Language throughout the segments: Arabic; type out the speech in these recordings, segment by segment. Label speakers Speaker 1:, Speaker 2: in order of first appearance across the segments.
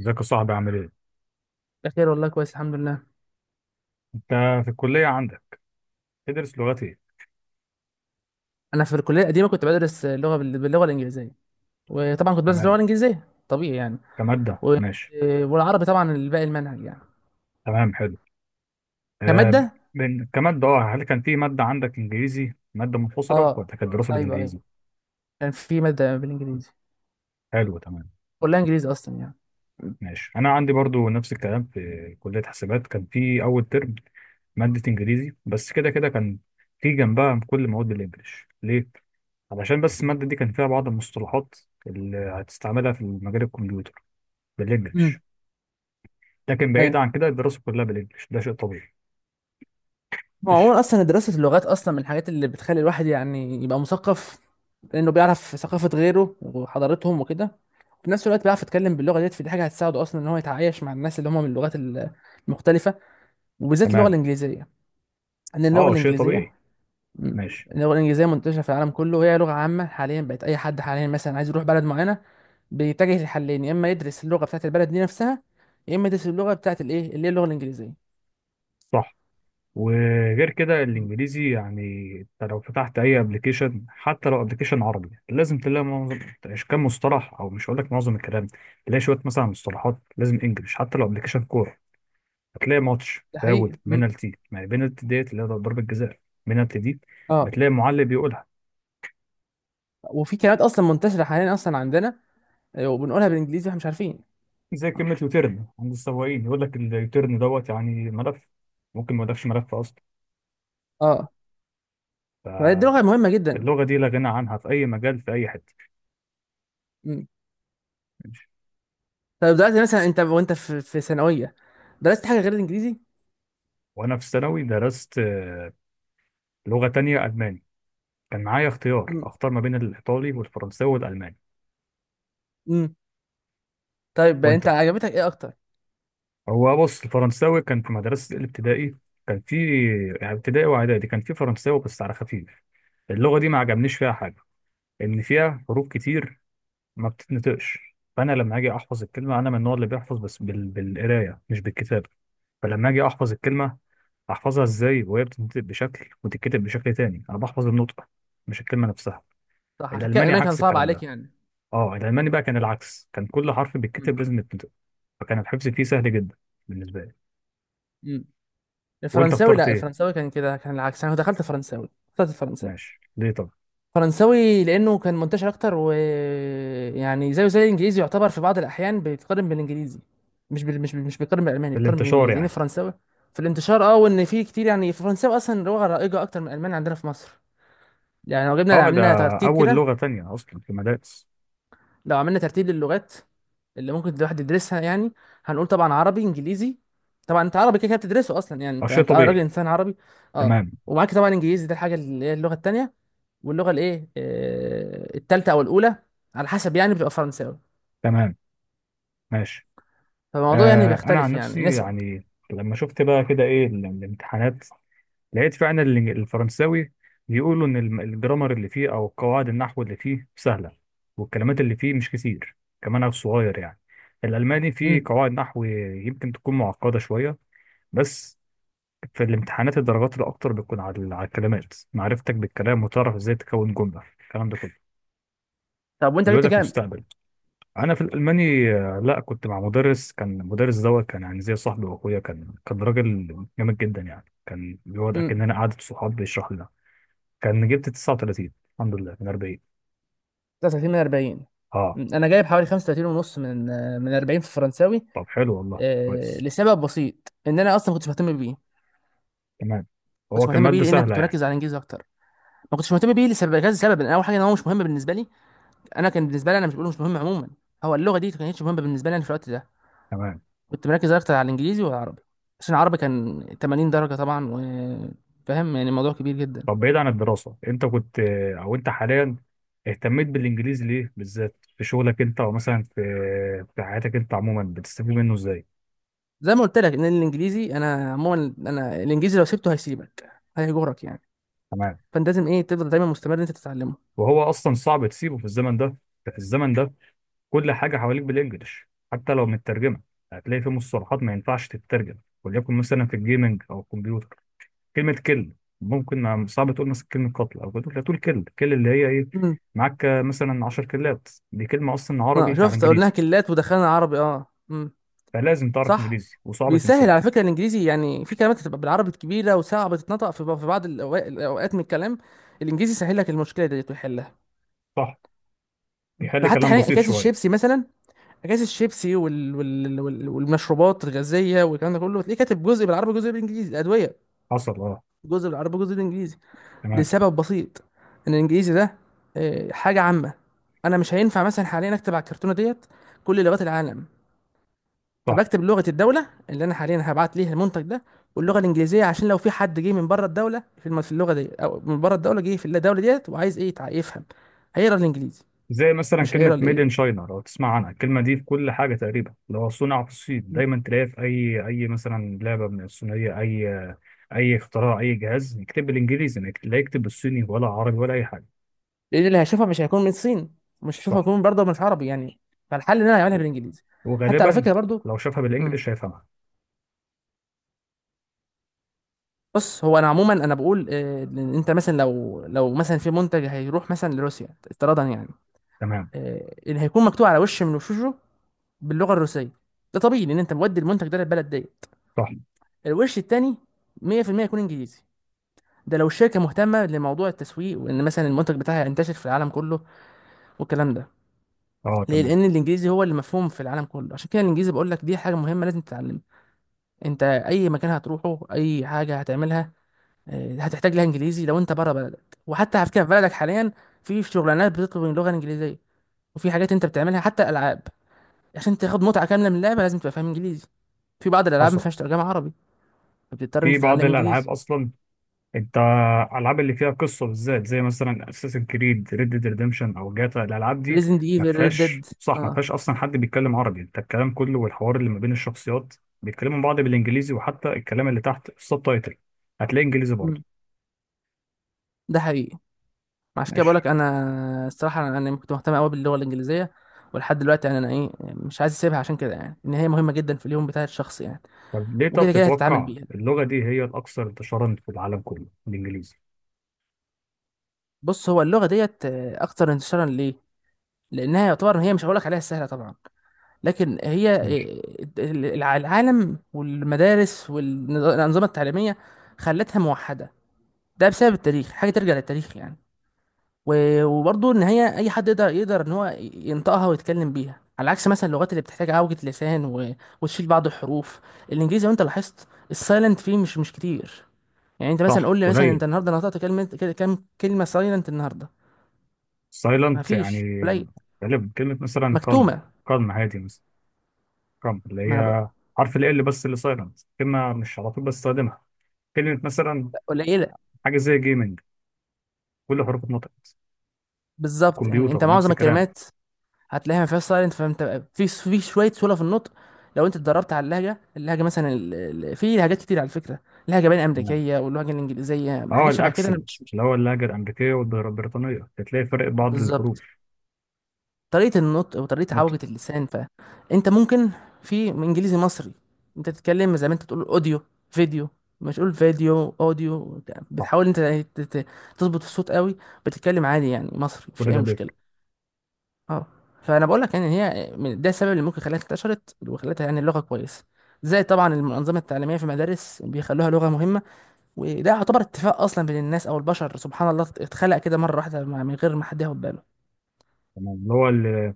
Speaker 1: ازيك يا صاحبي؟ عامل ايه؟
Speaker 2: بخير والله كويس الحمد لله.
Speaker 1: انت في الكلية عندك تدرس لغات ايه؟
Speaker 2: انا في الكليه القديمه كنت بدرس اللغه باللغه الانجليزيه، وطبعا كنت بدرس اللغه
Speaker 1: تمام،
Speaker 2: الانجليزيه طبيعي يعني.
Speaker 1: كمادة
Speaker 2: و...
Speaker 1: ماشي.
Speaker 2: والعربي طبعا الباقي المنهج يعني
Speaker 1: تمام حلو. آه،
Speaker 2: كماده.
Speaker 1: من كمادة. اه، هل كان في مادة عندك انجليزي مادة منفصلة ولا
Speaker 2: اه
Speaker 1: كانت دراسة
Speaker 2: ايوه ايوه،
Speaker 1: بالانجليزي؟
Speaker 2: كان في ماده بالانجليزي،
Speaker 1: حلو تمام.
Speaker 2: كلها انجليزي اصلا يعني.
Speaker 1: ماشي، انا عندي برضو نفس الكلام في كلية حسابات. كان في اول ترم مادة انجليزي، بس كده كان في جنبها كل مواد الانجليش. ليه؟ علشان بس المادة دي كان فيها بعض المصطلحات اللي هتستعملها في مجال الكمبيوتر بالانجليش.
Speaker 2: امم
Speaker 1: لكن بعيد
Speaker 2: ايوه.
Speaker 1: عن كده الدراسة كلها بالانجليش، ده شيء طبيعي.
Speaker 2: هو
Speaker 1: ماشي.
Speaker 2: عموما اصلا دراسه اللغات اصلا من الحاجات اللي بتخلي الواحد يعني يبقى مثقف، لانه بيعرف ثقافه غيره وحضارتهم وكده، في نفس الوقت بيعرف يتكلم باللغه ديت، فدي حاجه هتساعده اصلا ان هو يتعايش مع الناس اللي هم من اللغات المختلفه، وبالذات اللغه
Speaker 1: تمام.
Speaker 2: الانجليزيه. ان اللغه
Speaker 1: اه شيء
Speaker 2: الانجليزيه،
Speaker 1: طبيعي.
Speaker 2: م،
Speaker 1: ماشي.
Speaker 2: اللغه الانجليزيه منتشره في العالم كله، وهي لغه عامه حاليا بقت، اي حد حاليا مثلا عايز يروح بلد معينه بيتجه لحلين، يا اما يدرس اللغه بتاعت البلد دي نفسها، يا اما يدرس اللغه بتاعت الايه اللي هي اللغه الانجليزيه.
Speaker 1: صح. وغير كده
Speaker 2: م،
Speaker 1: الانجليزي يعني انت لو فتحت اي ابلكيشن، حتى لو ابلكيشن عربي، لازم تلاقي معظم كام مصطلح، او مش هقول لك معظم الكلام، تلاقي شويه مثلا مصطلحات لازم انجلش. حتى لو ابلكيشن كوره هتلاقي ماتش،
Speaker 2: ده
Speaker 1: فاول،
Speaker 2: حقيقي.
Speaker 1: بينالتي. يعني بينالتي ديت اللي هي ضربه جزاء. بينالتي دي
Speaker 2: اه
Speaker 1: بتلاقي معلق بيقولها.
Speaker 2: وفي كلمات اصلا منتشره حاليا اصلا عندنا، وبنقولها بالانجليزي واحنا مش عارفين.
Speaker 1: زي كلمه يوتيرن عند السواقين، يقول لك اليوتيرن دوت يعني ملف، ممكن ما يقولكش ملف اصلا.
Speaker 2: اه فهي دي لغه
Speaker 1: فاللغه
Speaker 2: مهمه جدا.
Speaker 1: دي لا غنى عنها في اي مجال في اي حته.
Speaker 2: مم.
Speaker 1: ماشي.
Speaker 2: طيب دلوقتي مثلا انت وانت في ثانويه درست حاجه غير الانجليزي؟
Speaker 1: وانا في ثانوي درست لغة تانية، الماني. كان معايا اختيار،
Speaker 2: مم.
Speaker 1: اختار ما بين الايطالي والفرنساوي والالماني.
Speaker 2: مم. طيب
Speaker 1: وانت؟
Speaker 2: انت عجبتك ايه اكتر؟
Speaker 1: هو بص، الفرنساوي كان في مدرسة الابتدائي، كان في، يعني ابتدائي واعدادي كان في فرنساوي بس على خفيف. اللغة دي ما عجبنيش فيها حاجة، ان فيها حروف كتير ما بتتنطقش. فانا لما اجي احفظ الكلمة، انا من النوع اللي بيحفظ بس بالقراية مش بالكتابة. فلما اجي احفظ الكلمة، احفظها ازاي وهي بتتنطق بشكل وتتكتب بشكل تاني؟ انا بحفظ النطق مش الكلمة نفسها.
Speaker 2: صح، عشان كده
Speaker 1: الالماني
Speaker 2: الالماني كان
Speaker 1: عكس
Speaker 2: صعب
Speaker 1: الكلام
Speaker 2: عليك
Speaker 1: ده.
Speaker 2: يعني.
Speaker 1: اه، الالماني بقى كان العكس، كان كل حرف
Speaker 2: مم.
Speaker 1: بيتكتب لازم يتنطق. فكان الحفظ فيه سهل جدا بالنسبه لي.
Speaker 2: مم.
Speaker 1: وانت
Speaker 2: الفرنساوي،
Speaker 1: اخترت
Speaker 2: لا
Speaker 1: ايه؟
Speaker 2: الفرنساوي كان كده، كان العكس، انا دخلت فرنساوي، اخترت الفرنساوي.
Speaker 1: ماشي، ليه طب؟
Speaker 2: فرنساوي لانه كان منتشر اكتر، و يعني زيه زي الانجليزي، يعتبر في بعض الاحيان بيتقارن بالانجليزي، مش بيقارن بالالماني، بيقارن
Speaker 1: الانتشار
Speaker 2: بالانجليزي، لان
Speaker 1: يعني.
Speaker 2: الفرنساوي في الانتشار، اه، وان في كتير يعني الفرنساوي اصلا لغه رائجه اكتر من الالماني عندنا في مصر. يعني لو جبنا
Speaker 1: اه، ده
Speaker 2: عملنا ترتيب
Speaker 1: اول
Speaker 2: كده،
Speaker 1: لغه تانية اصلا في المدارس.
Speaker 2: لو عملنا ترتيب للغات اللي ممكن الواحد يدرسها يعني، هنقول طبعا عربي انجليزي. طبعا انت عربي كده كده بتدرسه اصلا يعني،
Speaker 1: اه
Speaker 2: انت
Speaker 1: شيء
Speaker 2: انت راجل
Speaker 1: طبيعي.
Speaker 2: انسان عربي، اه،
Speaker 1: تمام.
Speaker 2: ومعاك طبعا انجليزي، ده الحاجه اللي هي اللغه التانيه، واللغه الايه، التالته او الاولى على حسب، يعني بتبقى فرنساوي.
Speaker 1: تمام. ماشي.
Speaker 2: فالموضوع يعني
Speaker 1: آه، انا عن
Speaker 2: بيختلف يعني
Speaker 1: نفسي
Speaker 2: نسب.
Speaker 1: يعني لما شفت بقى كده ايه الامتحانات، لقيت فعلا الفرنساوي بيقولوا ان الجرامر اللي فيه او قواعد النحو اللي فيه سهله، والكلمات اللي فيه مش كتير، كمان صغير يعني. الالماني فيه
Speaker 2: امم.
Speaker 1: قواعد نحو يمكن تكون معقده شويه، بس في الامتحانات الدرجات الاكتر بتكون على على الكلمات، معرفتك بالكلام وتعرف ازاي تكون جمله، الكلام ده كله
Speaker 2: طب وانت
Speaker 1: بيقول
Speaker 2: جبت
Speaker 1: لك
Speaker 2: كام؟
Speaker 1: مستقبل. انا في الالماني لا، كنت مع مدرس، كان المدرس دوت كان يعني زي صاحبي واخويا، كان راجل جامد جدا يعني، كان بيقعد
Speaker 2: امم.
Speaker 1: اكننا قعده صحاب بيشرح لنا. كان جبت 39 الحمد لله من 40.
Speaker 2: 33 من 40.
Speaker 1: اه.
Speaker 2: مم. انا جايب حوالي 35 ونص من من 40 في الفرنساوي.
Speaker 1: طب حلو والله،
Speaker 2: آه،
Speaker 1: كويس.
Speaker 2: لسبب بسيط ان انا اصلا ما كنتش مهتم بيه.
Speaker 1: تمام. هو
Speaker 2: كنتش
Speaker 1: كان
Speaker 2: مهتم بيه
Speaker 1: مادة
Speaker 2: لان انا
Speaker 1: سهلة
Speaker 2: كنت
Speaker 1: يعني.
Speaker 2: مركز على الانجليزي اكتر، ما كنتش مهتم بيه لسبب كذا سبب، إن اول حاجه ان هو مش مهم بالنسبه لي. انا كان بالنسبه لي، انا مش بقوله مش مهم عموما، هو اللغه دي ما كانتش مهمه بالنسبه لي أنا في الوقت ده.
Speaker 1: تمام.
Speaker 2: كنت مركز اكتر على الانجليزي والعربي، عشان العربي كان 80 درجه طبعا، وفاهم يعني الموضوع كبير جدا.
Speaker 1: طب بعيد عن الدراسة، انت كنت، او انت حاليا، اهتميت بالانجليزي ليه بالذات؟ في شغلك انت، او مثلا في في حياتك انت عموما، بتستفيد منه ازاي؟
Speaker 2: زي ما قلت لك ان الانجليزي، انا عموما انا الانجليزي لو سبته هيسيبك، هيجرك يعني.
Speaker 1: تمام.
Speaker 2: فانت لازم ايه تفضل دايما مستمر ان انت تتعلمه.
Speaker 1: وهو اصلا صعب تسيبه في الزمن ده. في الزمن ده. كل حاجة حواليك بالانجلش، حتى لو مترجمة هتلاقي في مصطلحات ما ينفعش تترجم. وليكن مثلا في الجيمنج او الكمبيوتر، كلمة كل، ممكن صعب تقول مثلا كلمة قتل أو كده، لا، تقول كل. كل اللي هي إيه؟
Speaker 2: امم.
Speaker 1: معاك مثلا 10 كلات، دي كلمة أصلا
Speaker 2: اه
Speaker 1: عربي على
Speaker 2: شفت قلناها
Speaker 1: إنجليزي.
Speaker 2: كلات ودخلنا عربي. اه
Speaker 1: فلازم تعرف
Speaker 2: صح.
Speaker 1: إنجليزي، وصعب
Speaker 2: بيسهل
Speaker 1: تنساها.
Speaker 2: على فكره الانجليزي يعني، في كلمات بتبقى بالعربي كبيره وصعبه تتنطق في في بعض الاوقات من الكلام، الانجليزي سهل لك المشكله ديت ويحلها.
Speaker 1: صح. بيخلي
Speaker 2: حتى
Speaker 1: كلام
Speaker 2: حاليا
Speaker 1: بسيط
Speaker 2: اكياس
Speaker 1: شوية.
Speaker 2: الشيبسي مثلا، اكياس الشيبسي والمشروبات الغازيه والكلام ده كله تلاقيه كاتب جزء بالعربي جزء بالانجليزي. الادويه
Speaker 1: حصل أه.
Speaker 2: جزء بالعربي جزء بالانجليزي،
Speaker 1: تمام.
Speaker 2: لسبب بسيط، ان الانجليزي ده حاجه عامه. انا مش هينفع مثلا حاليا اكتب على الكرتونه ديت كل لغات العالم،
Speaker 1: صح.
Speaker 2: فبكتب لغة الدولة اللي أنا حاليا هبعت ليها المنتج ده، واللغة الإنجليزية، عشان لو في حد جه من بره الدولة في اللغة دي، أو من بره الدولة جه في الدولة ديت وعايز إيه يفهم، هيقرا الإنجليزي،
Speaker 1: زي مثلا
Speaker 2: مش هيقرا
Speaker 1: كلمة ميد إن
Speaker 2: الإيه.
Speaker 1: شاينا، لو تسمع عنها الكلمة دي في كل حاجة تقريبا، لو صنع في الصين دايما تلاقيها في أي مثلا لعبة من الصينية، أي أي اختراع، أي جهاز، يكتب بالإنجليزي، ما يكت- لا يكتب بالصيني ولا عربي ولا أي حاجة.
Speaker 2: لأن اللي هيشوفها مش هيكون من الصين، مش هيشوفها
Speaker 1: صح.
Speaker 2: هيكون برضه مش عربي يعني، فالحل إن أنا هعملها بالإنجليزي. حتى على
Speaker 1: وغالبا
Speaker 2: فكرة برضه،
Speaker 1: لو شافها
Speaker 2: مم.
Speaker 1: بالإنجلش هيفهمها.
Speaker 2: بص هو أنا عموما أنا بقول إن أنت مثلا لو مثلا في منتج هيروح مثلا لروسيا افتراضا يعني،
Speaker 1: تمام.
Speaker 2: اللي هيكون مكتوب على وش من وشوشه باللغه الروسيه، ده طبيعي لان انت مودي المنتج ده للبلد ديت،
Speaker 1: صح.
Speaker 2: الوش التاني 100% يكون انجليزي. ده لو الشركه مهتمه لموضوع التسويق، وان مثلا المنتج بتاعها ينتشر في العالم كله والكلام ده.
Speaker 1: اه
Speaker 2: ليه؟
Speaker 1: تمام.
Speaker 2: لان الانجليزي هو اللي مفهوم في العالم كله، عشان كده الانجليزي بقول لك دي حاجه مهمه لازم تتعلمها. انت اي مكان هتروحه اي حاجه هتعملها، هتحتاج لها انجليزي لو انت بره بلدك. وحتى على فكره في بلدك حاليا في شغلانات بتطلب اللغه الانجليزيه، وفي حاجات انت بتعملها حتى العاب، عشان تاخد متعة كاملة من اللعبة لازم تبقى فاهم انجليزي. في بعض الالعاب ما
Speaker 1: حصل.
Speaker 2: فيهاش ترجمة عربي، فبتضطر انت
Speaker 1: في بعض
Speaker 2: تتعلم
Speaker 1: الالعاب
Speaker 2: انجليزي.
Speaker 1: اصلا انت، الالعاب اللي فيها قصه بالذات زي مثلا اساسن كريد، ريد ديد ريدمشن، او جاتا، الالعاب دي
Speaker 2: ريزنت
Speaker 1: ما
Speaker 2: ايفل، ريد
Speaker 1: فيهاش.
Speaker 2: ديد.
Speaker 1: صح، ما
Speaker 2: اه.
Speaker 1: فيهاش اصلا حد بيتكلم عربي. انت الكلام كله والحوار اللي ما بين الشخصيات بيتكلموا بعض بالانجليزي، وحتى الكلام اللي تحت السب تايتل هتلاقي انجليزي برضه.
Speaker 2: مم. ده حقيقي. عشان كده بقول
Speaker 1: ماشي.
Speaker 2: لك انا، الصراحة أنا كنت مهتم قوي باللغة الانجليزية، ولحد دلوقتي يعني انا ايه يعني مش عايز اسيبها، عشان كده يعني ان هي مهمة جدا في اليوم بتاع الشخص يعني.
Speaker 1: طب ليه طب
Speaker 2: وكده كده هتتعامل
Speaker 1: تتوقع
Speaker 2: بيها.
Speaker 1: اللغه دي هي الاكثر انتشارا في العالم كله، الانجليزي؟
Speaker 2: بص هو اللغة ديت اكتر انتشارا ليه؟ لانها يعتبر هي، مش هقول لك عليها سهلة طبعا، لكن هي
Speaker 1: ماشي.
Speaker 2: العالم والمدارس والأنظمة التعليمية خلتها موحدة. ده بسبب التاريخ، حاجه ترجع للتاريخ يعني. وبرضه ان هي اي حد يقدر، يقدر ان هو ينطقها ويتكلم بيها، على عكس مثلا اللغات اللي بتحتاج عوجة لسان وتشيل بعض الحروف. الانجليزي لو انت لاحظت السايلنت فيه مش كتير. يعني انت مثلا
Speaker 1: صح،
Speaker 2: قول لي، مثلا انت
Speaker 1: قليل.
Speaker 2: النهارده نطقت كلمه كام كلمه سايلنت النهارده؟ ما
Speaker 1: سايلنت يعني
Speaker 2: فيش. قليل
Speaker 1: غالبا كلمه مثلا كالم.
Speaker 2: مكتومه.
Speaker 1: كالم، هادي مثلا. كرامب اللي
Speaker 2: ما أنا بق-
Speaker 1: هي حرف ال L بس اللي سايلنت، كلمة مش على طول بستخدمها. كلمة مثلا
Speaker 2: قليله.
Speaker 1: حاجة زي جيمنج، كل حروف اتنطقت.
Speaker 2: بالظبط، يعني انت
Speaker 1: كمبيوتر نفس
Speaker 2: معظم
Speaker 1: الكلام.
Speaker 2: الكلمات هتلاقيها ما فيهاش سايلنت، فانت في في شويه سهوله في النطق. لو انت اتدربت على اللهجه، اللهجه مثلا في لهجات كتير على فكره، لهجه بين
Speaker 1: تمام.
Speaker 2: امريكيه واللهجه الانجليزيه
Speaker 1: اه،
Speaker 2: حاجات شبه كده، انا
Speaker 1: الاكسنت
Speaker 2: مش
Speaker 1: اللي هو اللهجة الأمريكية والبريطانية، هتلاقي فرق بعض الحروف،
Speaker 2: بالظبط طريقه النطق وطريقه
Speaker 1: نطق.
Speaker 2: عوجه اللسان. فانت ممكن في انجليزي مصري، انت تتكلم زي ما انت تقول اوديو فيديو، مش قول فيديو اوديو،
Speaker 1: صح.
Speaker 2: بتحاول انت تظبط الصوت قوي، بتتكلم عادي يعني مصري مفيش
Speaker 1: كل
Speaker 2: اي
Speaker 1: ده
Speaker 2: مشكله.
Speaker 1: بيفرق.
Speaker 2: اه. فانا بقول لك يعني هي ده السبب اللي ممكن خلاها انتشرت، وخلتها يعني اللغه كويسه. زي طبعا المنظمه التعليميه في المدارس بيخلوها لغه مهمه. وده يعتبر اتفاق اصلا بين الناس او البشر، سبحان الله اتخلق كده مره واحده من غير ما حد ياخد باله.
Speaker 1: تمام، اللي هو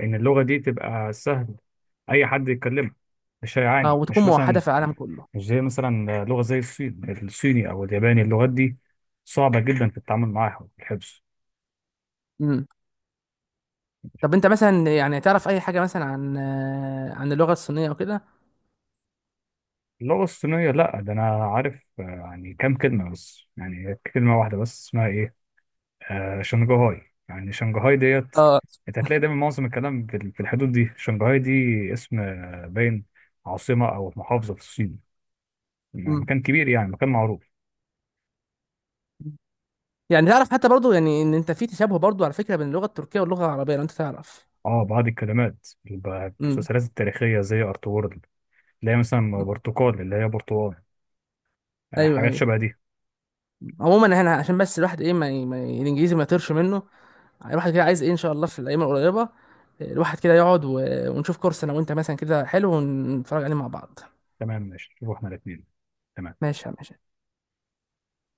Speaker 1: إن اللغة دي تبقى سهل أي حد يتكلمها، مش
Speaker 2: اه.
Speaker 1: هيعاني،
Speaker 2: وتكون
Speaker 1: مش
Speaker 2: موحده
Speaker 1: مثلا
Speaker 2: في العالم كله.
Speaker 1: مش زي مثلا لغة زي الصين. الصيني أو الياباني، اللغات دي صعبة جدا في التعامل معاها والحفظ.
Speaker 2: امم. طب انت مثلا يعني تعرف اي حاجه مثلا عن عن اللغه الصينيه وكده؟
Speaker 1: اللغة الصينية، لا، ده أنا عارف يعني كام كلمة بس، يعني كلمة واحدة بس اسمها إيه، آه، شنغهاي. يعني شنغهاي ديت
Speaker 2: اه.
Speaker 1: أنت هتلاقي دايما معظم الكلام في في الحدود دي شنغهاي دي. اسم باين عاصمة أو محافظة في الصين،
Speaker 2: امم.
Speaker 1: مكان كبير يعني، مكان معروف.
Speaker 2: يعني تعرف حتى برضو يعني ان انت في تشابه برضو على فكره بين اللغه التركيه واللغه العربيه، لو انت تعرف.
Speaker 1: اه بعض الكلمات اللي بقى في
Speaker 2: امم.
Speaker 1: المسلسلات التاريخية زي أرطغرل، اللي هي مثلا برتقال اللي هي برتقال.
Speaker 2: ايوه
Speaker 1: حاجات
Speaker 2: ايوه.
Speaker 1: شبه دي.
Speaker 2: عموما احنا عشان بس الواحد ايه ما الانجليزي ما يطيرش منه. الواحد كده عايز ايه ان شاء الله في الايام القريبه الواحد كده يقعد ونشوف كورس انا وانت مثلا كده حلو ونتفرج عليه مع بعض.
Speaker 1: تمام ماشي، شوفوا احنا الاتنين. تمام.
Speaker 2: ماشي يا ماشي.